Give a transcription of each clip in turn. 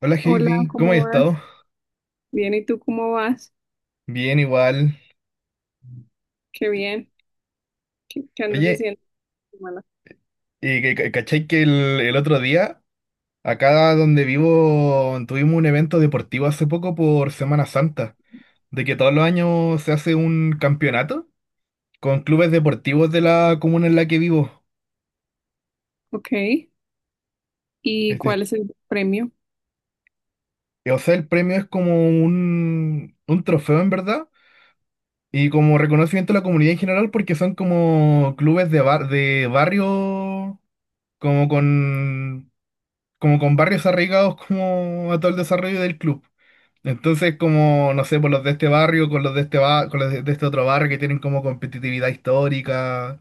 Hola Hola, Heidi, ¿cómo has ¿cómo estado? vas? Bien, ¿y tú cómo vas? Bien, igual. Qué bien. ¿Qué andas Oye, haciendo esta semana? ¿Cachai que el otro día, acá donde vivo, tuvimos un evento deportivo hace poco por Semana Santa, de que todos los años se hace un campeonato con clubes deportivos de la comuna en la que vivo? Ok. ¿Y Este, cuál es el premio? o sea, el premio es como un trofeo en verdad y como reconocimiento a la comunidad en general porque son como clubes de barrio, como con... como con barrios arraigados como a todo el desarrollo del club. Entonces, como, no sé, por los de este barrio, con los de con los de este otro barrio que tienen como competitividad histórica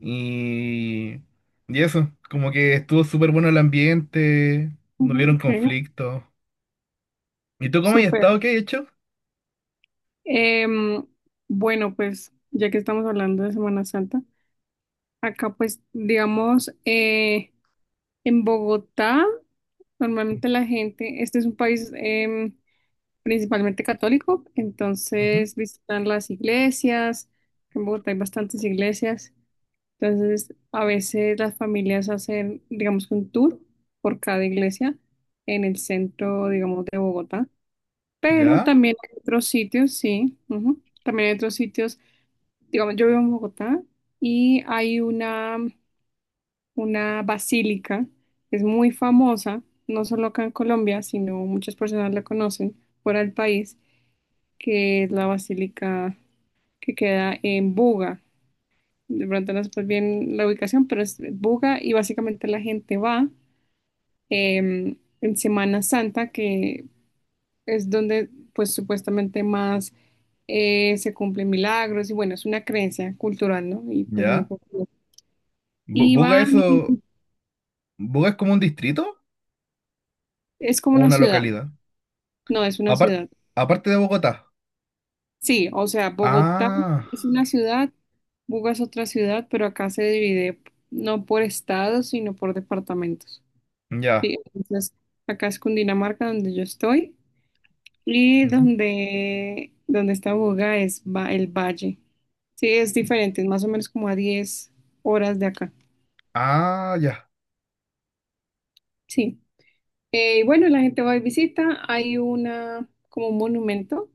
y, y eso, como que estuvo súper bueno el ambiente, no Ujú. hubieron Ok, conflictos. ¿Y tú cómo has súper. estado? ¿Qué has hecho? Em, bueno, pues ya que estamos hablando de Semana Santa, acá pues digamos, en Bogotá normalmente la gente, este es un país principalmente católico, Ujú, entonces visitan las iglesias. En Bogotá hay bastantes iglesias. Entonces, a veces las familias hacen, digamos, un tour por cada iglesia en el centro, digamos, de Bogotá. Pero ¿ya? también hay otros sitios, sí. Ujú. También hay otros sitios, digamos, yo vivo en Bogotá y hay una basílica que es muy famosa, no solo acá en Colombia, sino muchas personas la conocen fuera del país, que es la basílica que queda en Buga. De pronto no es bien la ubicación, pero es Buga y básicamente la gente va en Semana Santa, que es donde pues supuestamente más se cumplen milagros y bueno, es una creencia cultural, ¿no? Y pues muy ¿Ya? popular. Y ¿Buga van, eso? y ¿Buga es como un distrito es como o una una ciudad. localidad? No, es una Apar- ciudad. Aparte de Bogotá. Sí, o sea, Bogotá Ah, es una ciudad, Buga es otra ciudad, pero acá se divide no por estados, sino por departamentos. ya. Sí, entonces acá es Cundinamarca donde yo estoy. Y Ujú. donde está Buga es va el valle. Sí, es diferente, es más o menos como a 10 horas de acá. Ah, ya. Sí. Y bueno, la gente va y visita. Hay como un monumento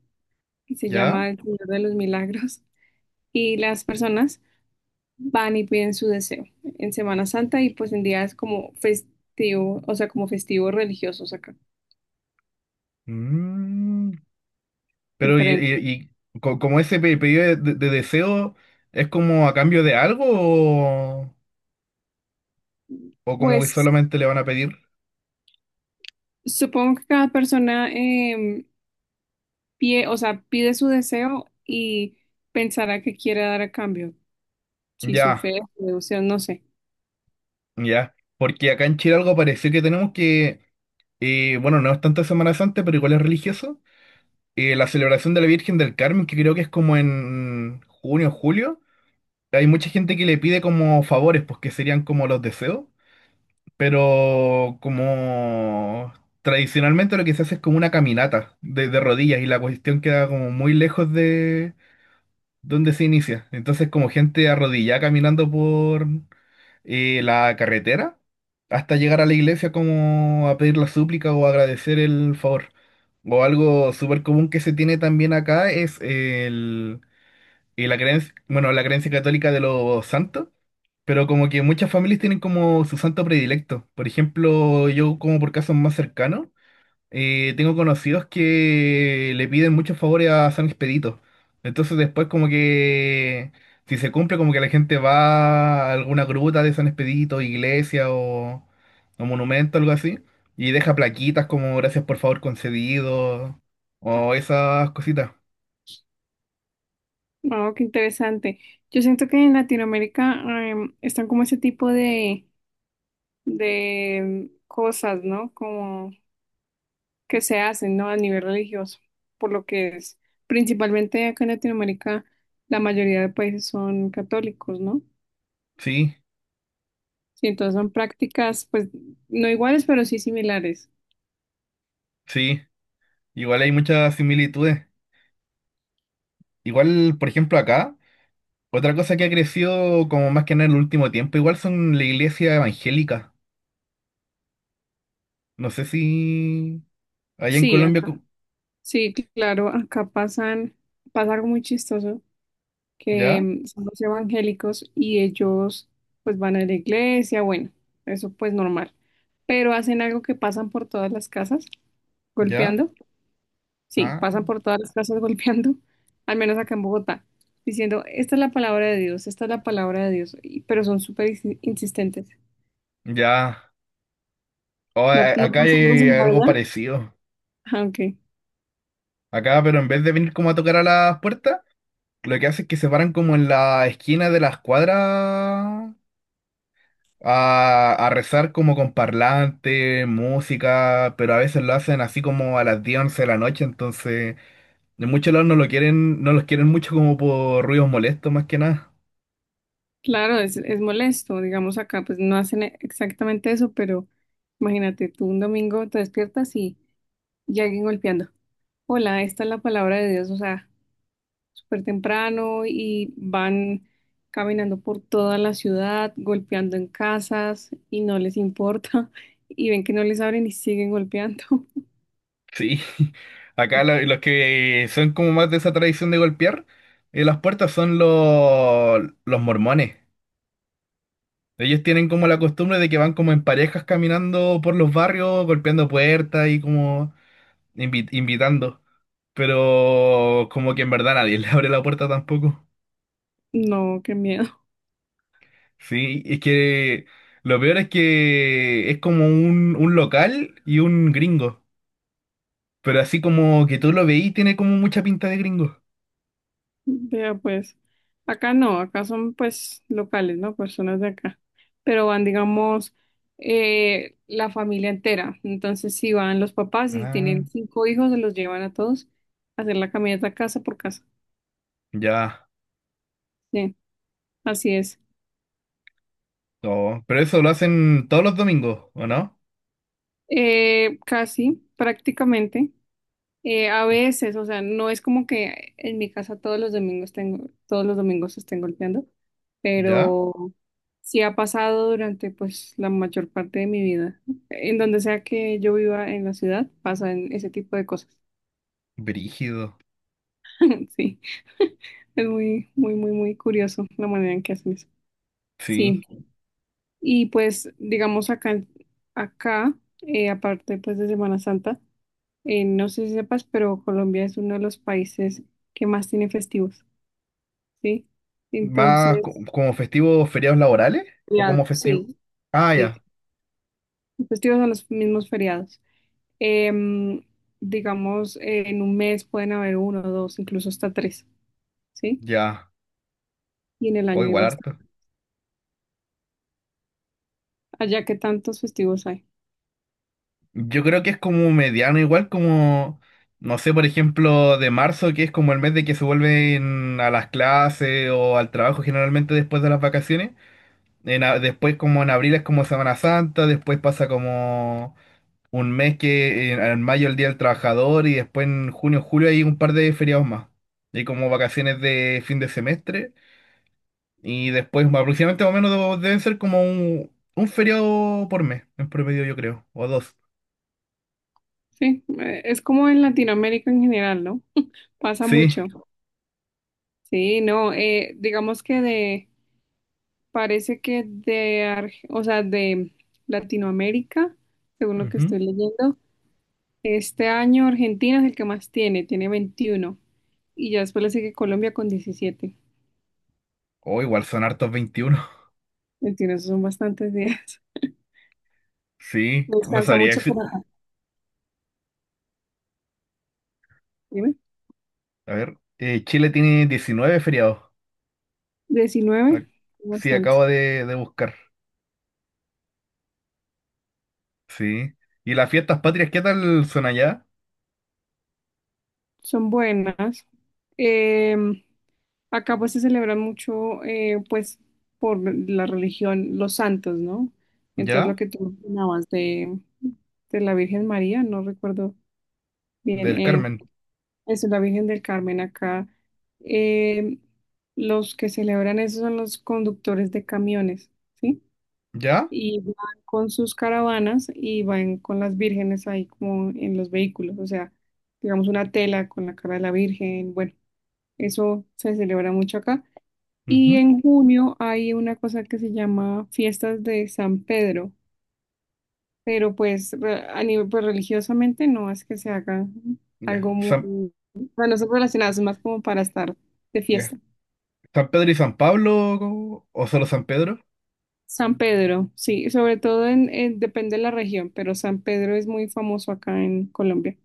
que se ¿Ya? llama el Señor de los Milagros. Y las personas van y piden su deseo en Semana Santa y pues en días como festivo, o sea, como festivos religiosos acá, Mm, pero diferente. Como ese pedido de deseo es como a cambio de algo o como que Pues solamente le van a pedir. supongo que cada persona, o sea, pide su deseo y pensará que quiere dar a cambio, si su Ya, fe, su devoción, no sé. ya. Porque acá en Chile algo pareció que tenemos bueno, no es tanto Semana Santa, pero igual es religioso. La celebración de la Virgen del Carmen, que creo que es como en junio, julio. Hay mucha gente que le pide como favores, pues que serían como los deseos. Pero como tradicionalmente lo que se hace es como una caminata de rodillas y la cuestión queda como muy lejos de donde se inicia. Entonces como gente arrodillada caminando por la carretera hasta llegar a la iglesia como a pedir la súplica o agradecer el favor. O algo súper común que se tiene también acá es y la creencia, bueno, la creencia católica de los santos, pero como que muchas familias tienen como su santo predilecto. Por ejemplo, yo como por casos más cercanos, tengo conocidos que le piden muchos favores a San Expedito. Entonces después como que si se cumple como que la gente va a alguna gruta de San Expedito, iglesia o monumento, algo así, y deja plaquitas como gracias por favor concedido o esas cositas. Oh, qué interesante. Yo siento que en Latinoamérica están como ese tipo de cosas, ¿no? Como que se hacen, ¿no? A nivel religioso, por lo que es. Principalmente acá en Latinoamérica, la mayoría de países son católicos, ¿no? Sí, Sí, entonces son prácticas, pues, no iguales, pero sí similares. sí. Igual hay muchas similitudes. Igual, por ejemplo, acá. Otra cosa que ha crecido como más que nada en el último tiempo, igual son la iglesia evangélica. No sé si allá en Sí, Colombia. sí, claro, pasa algo muy chistoso, que ¿Ya? Son los evangélicos y ellos pues van a la iglesia, bueno, eso pues normal, pero hacen algo que pasan por todas las casas ¿Ya? golpeando, sí, Ah, pasan ah, por todas las casas golpeando, al menos acá en Bogotá, diciendo, esta es la palabra de Dios, esta es la palabra de Dios, y- pero son súper insistentes. ya. Oh, No, no acá pasa algo hay similar algo allá. parecido. Ah, ok. Acá, pero en vez de venir como a tocar a las puertas, lo que hace es que se paran como en la esquina de las cuadras a rezar como con parlante, música, pero a veces lo hacen así como a las 10 11 de la noche, entonces. De muchos lados no lo quieren, no los quieren mucho como por ruidos molestos más que nada. Claro, es molesto, digamos acá, pues no hacen exactamente eso, pero imagínate, tú un domingo te despiertas y ya alguien golpeando. Hola, esta es la palabra de Dios, o sea, súper temprano y van caminando por toda la ciudad, golpeando en casas y no les importa y ven que no les abren y siguen golpeando. Sí, acá los que son como más de esa tradición de golpear las puertas son los mormones. Ellos tienen como la costumbre de que van como en parejas caminando por los barrios, golpeando puertas y como invitando. Pero como que en verdad nadie le abre la puerta tampoco. No, qué miedo. Sí, es que lo peor es que es como un local y un gringo. Pero así como que tú lo veís, tiene como mucha pinta de gringo. Vea, pues, acá no, acá son pues locales, ¿no? Personas de acá, pero van, digamos, la familia entera. Entonces, si van los papás y Ah, tienen cinco hijos, se los llevan a todos a hacer la caminata casa por casa. ya. Sí, así es. Oh, pero eso lo hacen todos los domingos, ¿o no? Casi, prácticamente. A veces, o sea, no es como que en mi casa todos los domingos tengo, todos los domingos estén golpeando, ¿Ya? pero sí ha pasado durante pues la mayor parte de mi vida. En donde sea que yo viva en la ciudad, pasan ese tipo de cosas. Brígido. Sí, es muy, muy, muy, muy curioso la manera en que hacen eso. Sí. Sí, y pues digamos acá, acá, aparte pues de Semana Santa, no sé si sepas, pero Colombia es uno de los países que más tiene festivos. ¿Sí? ¿Más Entonces, como festivos feriados laborales? ¿O feriados, como festivo? sí, Ah, sí, ya. festivos son los mismos feriados. Em, digamos, en un mes pueden haber uno, dos, incluso hasta tres, ¿sí? Ya. Y en el O año hay igual harto. bastante. Allá que tantos festivos hay, Yo creo que es como mediano, igual como, no sé, por ejemplo, de marzo, que es como el mes de que se vuelven a las clases o al trabajo generalmente después de las vacaciones. Después como en abril es como Semana Santa, después pasa como un mes que en mayo el Día del Trabajador y después en junio, julio hay un par de feriados más. Hay como vacaciones de fin de semestre y después aproximadamente más o menos deben ser como un feriado por mes, en promedio yo creo, o dos. ¿sí? Es como en Latinoamérica en general, ¿no? Pasa Sí. mucho. Sí, no, digamos parece o sea, de Latinoamérica, según lo que Ujú. estoy leyendo, este año Argentina es el que más tiene, tiene 21. Y ya después le sigue Colombia con 17. O igual son hartos 21. Veintiuno, esos son bastantes días. Sí, No no alcanza sabría mucho decir. por acá. Dime. A ver, Chile tiene 19 feriados. 19, Ac- Sí, bastante. acabo de buscar. Sí. ¿Y las fiestas patrias qué tal son allá? Son buenas. Em, Acá pues se celebran mucho, pues, por la religión, los santos, ¿no? Entonces ¿Ya? lo que tú mencionabas de la Virgen María, no recuerdo bien, Del Carmen. eso es la Virgen del Carmen acá. eh, los que celebran eso son los conductores de camiones, ¿sí? ¿Ya? Y van con sus caravanas y van con las vírgenes ahí como en los vehículos, o sea, digamos una tela con la cara de la Virgen, bueno, eso se celebra mucho acá. Y Ujú. en junio hay una cosa que se llama Fiestas de San Pedro, pero pues a nivel pues, religiosamente no es que se haga Ya. algo muy, bueno, son relacionadas más como para estar de Ya. fiesta. ¿San Pedro y San Pablo o solo San Pedro? San Pedro, sí, sobre todo depende de la región, pero San Pedro es muy famoso acá en Colombia.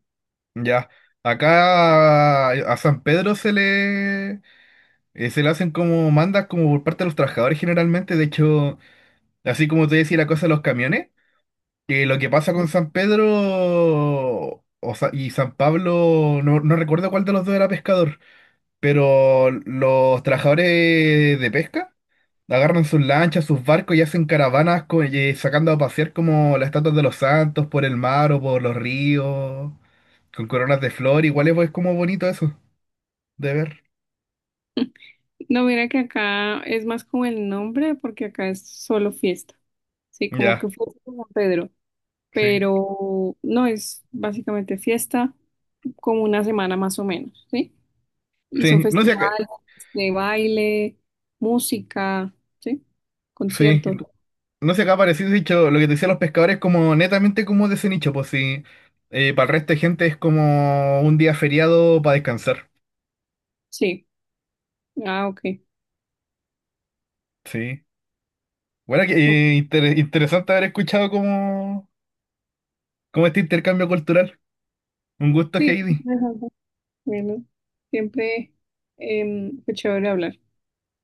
Ya. Acá a San Pedro se le hacen como mandas como por parte de los trabajadores generalmente. De hecho, así como te decía la cosa de los camiones, que lo que pasa con San Pedro y San Pablo, no, no recuerdo cuál de los dos era pescador. Pero los trabajadores de pesca agarran sus lanchas, sus barcos y hacen caravanas y sacando a pasear como las estatuas de los santos por el mar o por los ríos, con coronas de flor. Igual es, pues, como bonito eso de ver. No, mira que acá es más como el nombre, porque acá es solo fiesta. Sí, como Ya, que fiesta de San Pedro, sí. pero no es básicamente fiesta como una semana más o menos, ¿sí? Hizo Sí, no sé qué. festivales de baile, música, ¿sí? Sí, Conciertos. no sé qué ha parecido, he dicho, lo que te decía los pescadores, como netamente como de ese nicho, pues sí. Para el resto de gente es como un día feriado para descansar. Sí. Ah, ok. Sí. Bueno, interesante haber escuchado como cómo este intercambio cultural. Un gusto, Sí, Heidi. interesante. Bueno, siempre fue chévere hablar.